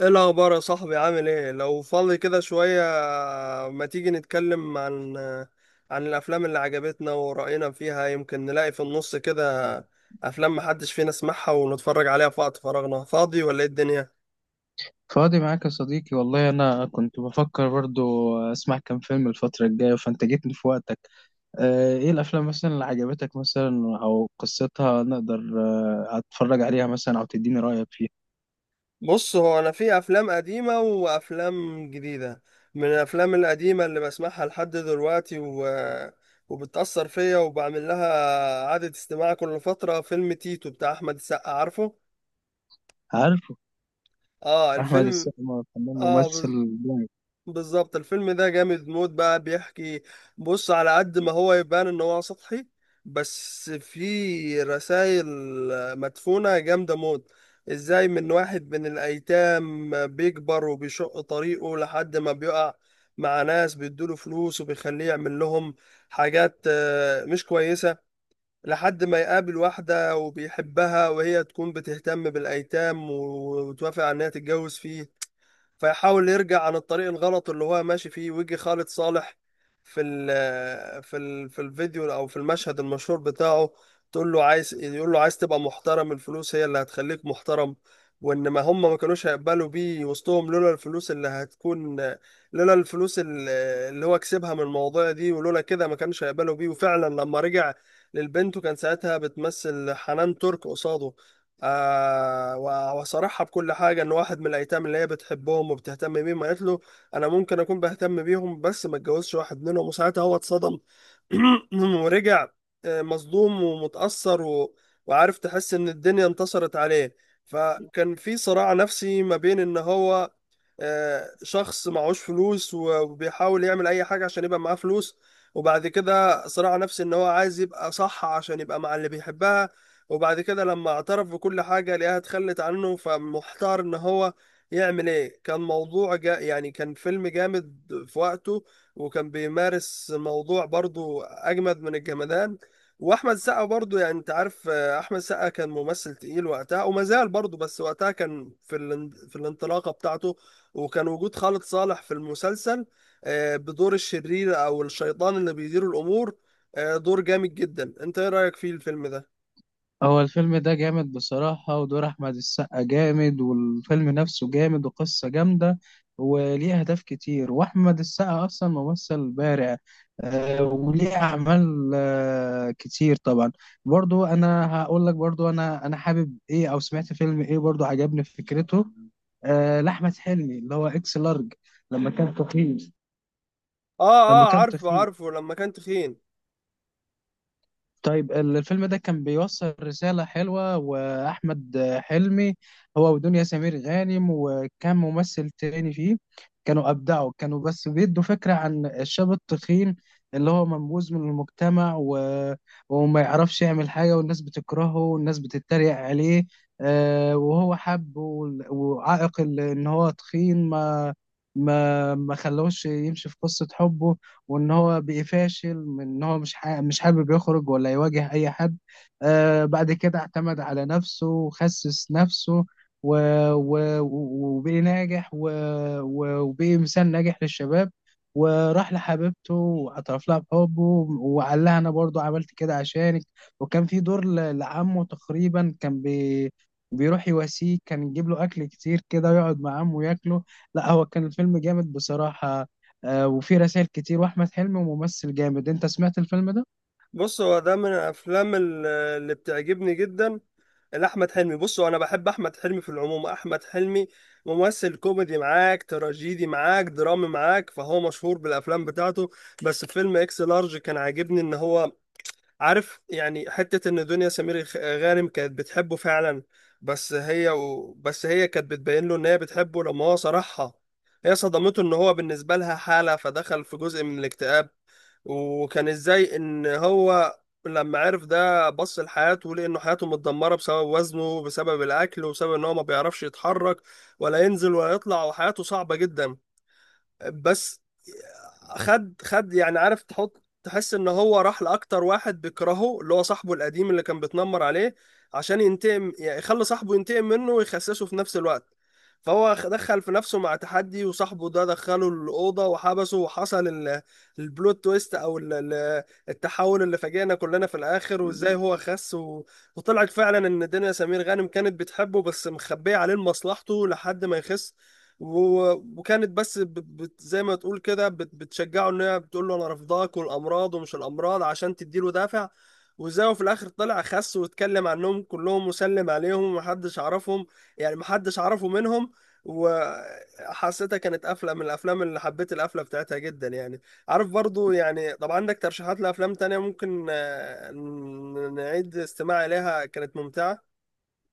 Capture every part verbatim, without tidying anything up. ايه الاخبار يا صاحبي، عامل ايه؟ لو فاضي كده شوية ما تيجي نتكلم عن عن الافلام اللي عجبتنا ورأينا فيها، يمكن نلاقي في النص كده افلام محدش فينا سمعها ونتفرج عليها في وقت فراغنا. فاضي ولا ايه الدنيا؟ فاضي معاك يا صديقي، والله أنا كنت بفكر برضو أسمع كام فيلم الفترة الجاية، فأنت جيتني في وقتك. آه، إيه الأفلام مثلا اللي عجبتك، مثلا أو قصتها نقدر آه، أتفرج عليها مثلا أو تديني رأيك فيها؟ بص، هو انا في افلام قديمة وافلام جديدة. من الافلام القديمة اللي بسمعها لحد دلوقتي و... وبتأثر فيا وبعمل لها عادة استماع كل فترة، فيلم تيتو بتاع احمد السقا، عارفه. عارف. اه، أحمد الفيلم. السقا فنان اه ممثل. بالظبط، الفيلم ده جامد موت، بقى بيحكي. بص، على قد ما هو يبان ان هو سطحي، بس في رسائل مدفونة جامدة موت، ازاي من واحد من الايتام بيكبر وبيشق طريقه لحد ما بيقع مع ناس بيدوله فلوس وبيخليه يعمل لهم حاجات آه، مش كويسة، لحد ما يقابل واحدة وبيحبها وهي تكون بتهتم بالايتام وتوافق على انها تتجوز فيه، فيحاول يرجع عن الطريق الغلط اللي هو ماشي فيه، ويجي خالد صالح في ال في ال في الفيديو او في المشهد المشهور بتاعه، تقول له عايز، يقول له عايز تبقى محترم، الفلوس هي اللي هتخليك محترم، وان ما هم ما كانوش هيقبلوا بيه وسطهم لولا الفلوس اللي هتكون، لولا الفلوس ال- اللي هو كسبها من المواضيع دي، ولولا كده ما كانش هيقبلوا بيه. وفعلا لما رجع للبنت، وكان ساعتها بتمثل حنان ترك قصاده، آه و- وصرحها بكل حاجة، إن واحد من الأيتام اللي هي بتحبهم وبتهتم بيهم، قالت له أنا ممكن أكون بهتم بيهم، بس ما اتجوزش واحد منهم. وساعتها هو اتصدم ورجع آه، مصدوم ومتأثر و... وعارف، تحس إن الدنيا انتصرت عليه. فكان في صراع نفسي ما بين إن هو آه، شخص معهوش فلوس، و- وبيحاول يعمل اي حاجه عشان يبقى معاه فلوس. وبعد كده صراع نفسي ان هو عايز يبقى صح عشان يبقى مع اللي بيحبها. وبعد كده لما اعترف بكل حاجه لقاها اتخلت عنه، فمحتار ان هو يعمل ايه. كان موضوع جا يعني، كان فيلم جامد في وقته، وكان بيمارس موضوع برضو اجمد من الجمدان. واحمد سقا برضو، يعني انت عارف، آه، احمد سقا كان ممثل تقيل وقتها وما زال برضو، بس وقتها كان في الان- في الانطلاقه بتاعته. وكان وجود خالد صالح في المسلسل آه، بدور الشرير او الشيطان اللي بيدير الامور، آه، دور جامد جدا. انت ايه رايك فيه الفيلم ده؟ هو الفيلم ده جامد بصراحة، ودور أحمد السقا جامد، والفيلم نفسه جامد وقصة جامدة، وليه أهداف كتير، وأحمد السقا أصلا ممثل بارع. آه، وليه أعمال آه، كتير طبعا. برضو أنا هقول لك، برضو أنا أنا حابب إيه، أو سمعت فيلم إيه برضو عجبني فكرته. آه، لأحمد حلمي، اللي هو إكس لارج، لما كان تخين اه لما اه، كان عارفه تخين عارفه لما كان تخين. طيب ال- الفيلم ده كان بيوصل رسالة حلوة، وأحمد حلمي هو ودنيا سمير غانم، وكان ممثل تاني فيه. كانوا أبدعوا، كانوا بس بيدوا فكرة عن الشاب التخين اللي هو منبوذ من المجتمع و... وما يعرفش يعمل حاجة، والناس بتكرهه والناس بتتريق عليه. آه، وهو حب وال- وعائق ال- إن هو تخين ما ما ما خلوش يمشي في قصة حبه، وان هو بيفاشل من ان هو مش حا... مش حابب يخرج ولا يواجه اي حد. آه بعد كده اعتمد على نفسه وخسس نفسه و... و... وبقي ناجح و... و... وبقي مثال ناجح للشباب، وراح لحبيبته واعترف لها بحبه وقال لها انا برضو عملت كده عشانك. وكان في دور ل- لعمه تقريبا، كان بي... بيروح يواسيه، كان يجيب له اكل كتير كده ويقعد مع عمه ياكله. لا، هو كان الفيلم جامد بصراحة. آه وفي رسائل كتير، واحمد حلمي ممثل جامد. انت سمعت الفيلم ده؟ بص، هو ده من الافلام ال- اللي بتعجبني جدا لاحمد حلمي. بص، هو انا بحب احمد حلمي في العموم، احمد حلمي ممثل كوميدي معاك، تراجيدي معاك، درامي معاك، فهو مشهور بالافلام بتاعته. بس فيلم اكس لارج كان عاجبني، ان هو، عارف يعني، حتة إن دنيا سمير غ- غانم كانت بتحبه فعلا. بس هي و... بس هي كانت بتبين له إن هي بتحبه، لما هو صرحها هي صدمته إن هو بالنسبة لها حالة، فدخل في جزء من الاكتئاب. وكان إزاي إن هو لما عرف ده بص لحياته، ولقى إنه حياته متدمرة بسبب وزنه، بسبب الأكل، وبسبب إن هو ما بيعرفش يتحرك ولا ينزل ولا يطلع، وحياته صعبة جدا. بس خد خد، يعني عارف، تحط تحس ان هو راح لاكتر واحد بيكرهه، اللي هو صاحبه القديم اللي كان بيتنمر عليه، عشان ينتقم، يعني يخلي صاحبه ينتقم منه ويخسسه في نفس الوقت. فهو خ- دخل في نفسه مع تحدي، وصاحبه ده دخله الأوضة وحبسه. وحصل ال- البلوت تويست، أو ال- ال- التحول اللي فاجئنا كلنا في الآخر، وإزاي هو خس و... وطلعت فعلا إن دنيا سمير غانم كانت بتحبه، بس مخبية عليه مصلحته لحد ما يخس. و- وكانت بس ب- بت زي ما تقول كده بت- بتشجعه، ان هي بتقول له انا رافضاك والامراض ومش الامراض عشان تديله دافع. وزي هو في الاخر طلع خس، واتكلم عنهم كلهم وسلم عليهم ومحدش عرفهم، يعني محدش عرفه منهم. وحسيتها كانت قفله من الافلام اللي حبيت القفله بتاعتها جدا، يعني عارف، برضو يعني. طب عندك ترشيحات لافلام تانية ممكن آه، ن- نعيد استماع اليها، كانت ممتعه؟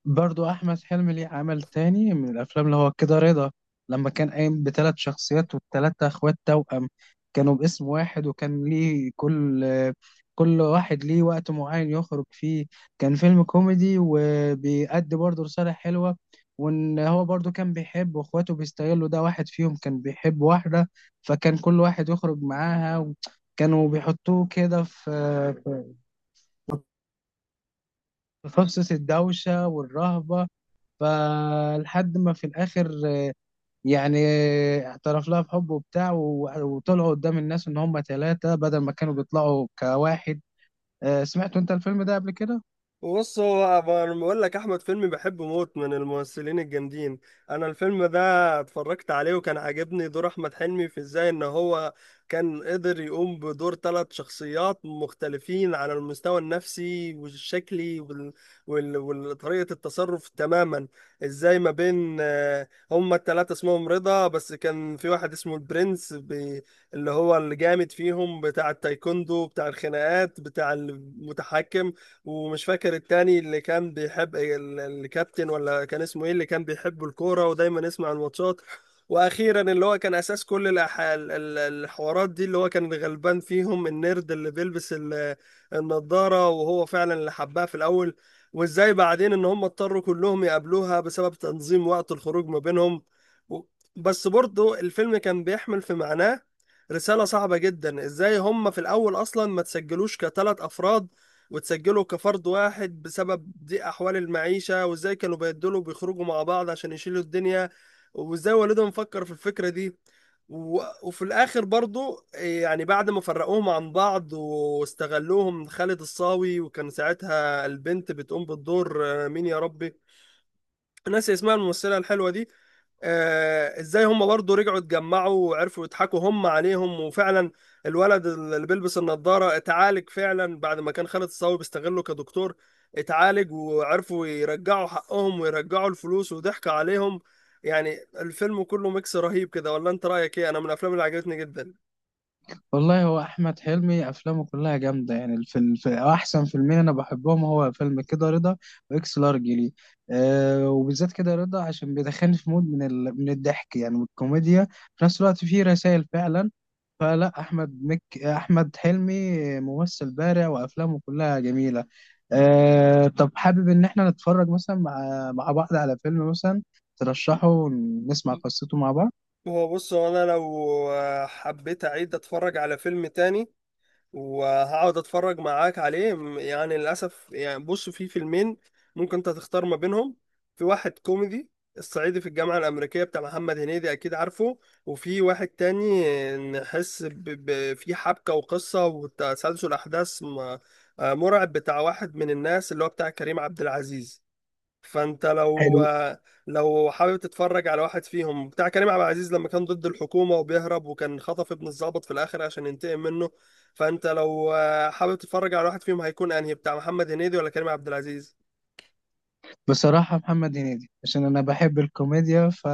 برضو احمد حلمي ليه عمل تاني من الافلام، اللي هو كده رضا، لما كان قايم بثلاث شخصيات، والثلاثه اخوات توأم، كانوا باسم واحد، وكان ليه كل آه، كل واحد ليه وقت معين يخرج فيه. كان فيلم كوميدي وبيأدي برضو رسالة حلوة. وان هو برضو كان بيحب، واخواته بيستغلوا ده. واحد فيهم كان بيحب واحدة، فكان كل واحد يخرج معاها، كانوا بيحطوه كده في تخصص الدوشة والرهبة. فلحد ما في الآخر آه، يعني اعترف لها بحبه وبتاع، و- وطلعوا قدام الناس إن هم ثلاثة بدل ما كانوا بيطلعوا كواحد. آه، سمعت أنت الفيلم ده قبل كده؟ بص، هو ب- انا بقول لك احمد فيلمي بحبه موت من الممثلين الجامدين. انا الفيلم ده اتفرجت عليه، وكان عاجبني دور احمد حلمي في ازاي ان هو كان قدر يقوم بدور ثلاث شخصيات مختلفين على المستوى النفسي والشكلي وال... وال... وطريقة التصرف تماما. ازاي ما بين، آه، هما الثلاثة اسمهم رضا، بس كان في واحد اسمه البرنس ب... اللي هو الجامد فيهم، بتاع التايكوندو بتاع الخناقات بتاع المتحكم. ومش فاكر التاني اللي كان بيحب ال- الكابتن، ولا كان اسمه ايه، اللي كان بيحب الكورة ودايما يسمع الماتشات. واخيرا اللي هو كان اساس كل الأح... ال- ال- الحوارات دي، اللي هو كان غلبان فيهم، النيرد اللي بيلبس ال- النضارة، وهو فعلا اللي حبها في الاول. وازاي بعدين ان هم اضطروا كلهم يقابلوها بسبب تنظيم وقت الخروج ما بينهم، و- بس برضه الفيلم كان بيحمل في معناه رسالة صعبة جدا، ازاي هم في الاول اصلا ما تسجلوش كثلاث افراد وتسجله كفرد واحد بسبب ضيق أحوال المعيشة، وإزاي كانوا بيدلوا بيخرجوا مع بعض عشان يشيلوا الدنيا، وإزاي والدهم فكر في الفكرة دي و... وفي الآخر برضو إيه، يعني بعد ما فرقوهم عن بعض واستغلوهم خالد الصاوي، وكان ساعتها البنت بتقوم بالدور، آه، مين يا ربي، ناسي اسمها، الممثلة الحلوة دي. آه، ازاي هم برضه رجعوا اتجمعوا وعرفوا يضحكوا هم عليهم، وفعلا الولد اللي بيلبس النضارة اتعالج فعلا بعد ما كان خالد الصاوي بيستغله كدكتور. اتعالج وعرفوا يرجعوا حقهم ويرجعوا الفلوس وضحك عليهم. يعني الفيلم كله ميكس رهيب كده، ولا انت رأيك ايه؟ انا من الافلام اللي عجبتني جدا. والله هو احمد حلمي افلامه كلها جامده، يعني الفيلم في احسن فيلمين انا بحبهم هو فيلم كده رضا واكس لارج لي. أه وبالذات كده رضا، عشان بيدخلني في مود من ال... من الضحك، يعني من الكوميديا. في نفس الوقت فيه رسائل فعلا. فلا احمد مك احمد حلمي ممثل بارع وافلامه كلها جميله. أه طب حابب ان احنا نتفرج مثلا مع مع بعض على فيلم مثلا ترشحه ونسمع قصته مع هو بص، هو انا لو آه، حبيت اعيد اتفرج على فيلم تاني وهقعد اتفرج معاك عليه، م- يعني للاسف يعني. بص، في فيلمين ممكن انت تختار ما بينهم. في واحد كوميدي، الصعيدي في الجامعة الأمريكية بتاع محمد هنيدي، أكيد عارفه. وفي واحد تاني، نحس ب... ب... في حبكة وقصة وتسلسل أحداث م... آه، مرعب، بتاع واحد من الناس، اللي هو بتاع كريم عبد العزيز. فانت لو، بعض. لو حابب تتفرج على واحد فيهم، بتاع كريم عبد العزيز لما كان ضد الحكومة وبيهرب وكان خطف ابن الضابط في الآخر عشان ينتقم منه. فانت لو حابب تتفرج على واحد فيهم، هيكون انهي، بتاع محمد هنيدي ولا كريم عبد العزيز؟ بصراحة محمد هنيدي، عشان أنا بحب الكوميديا، ف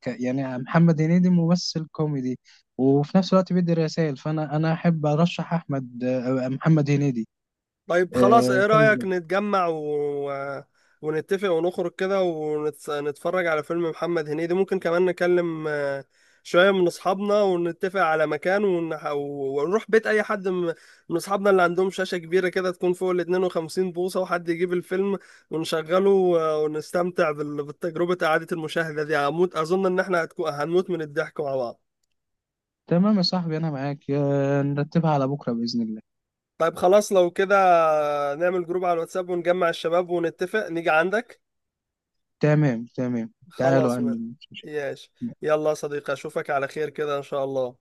ك- يعني محمد هنيدي ممثل كوميدي، وفي نفس الوقت بيدي رسائل. فأنا أنا أحب أرشح أحمد آه، محمد هنيدي. طيب خلاص، آه، ايه الفيلم ده. رأيك نتجمع و... ونتفق ونخرج كده ونتفرج على فيلم محمد هنيدي؟ ممكن كمان نكلم آه، شوية من أصحابنا ونتفق على مكان ونح... ونروح بيت أي حد من من أصحابنا اللي عندهم شاشة كبيرة كده تكون فوق ال اتنين وخمسين بوصة، وحد يجيب الفيلم ونشغله، آه، ونستمتع بال... بالتجربة، إعادة المشاهدة دي هموت، أظن إن إحنا هتكون... هنموت من الضحك مع بعض. تمام يا صاحبي، أنا معاك، آه، نرتبها على بكرة بإذن الله. طيب خلاص لو كده نعمل جروب على الواتساب ونجمع الشباب ونتفق نيجي عندك. تمام، تمام، تعالوا خلاص عندي، بقى، مش ياش. مشكلة. يلا يا صديقي، اشوفك على خير كده ان شاء الله.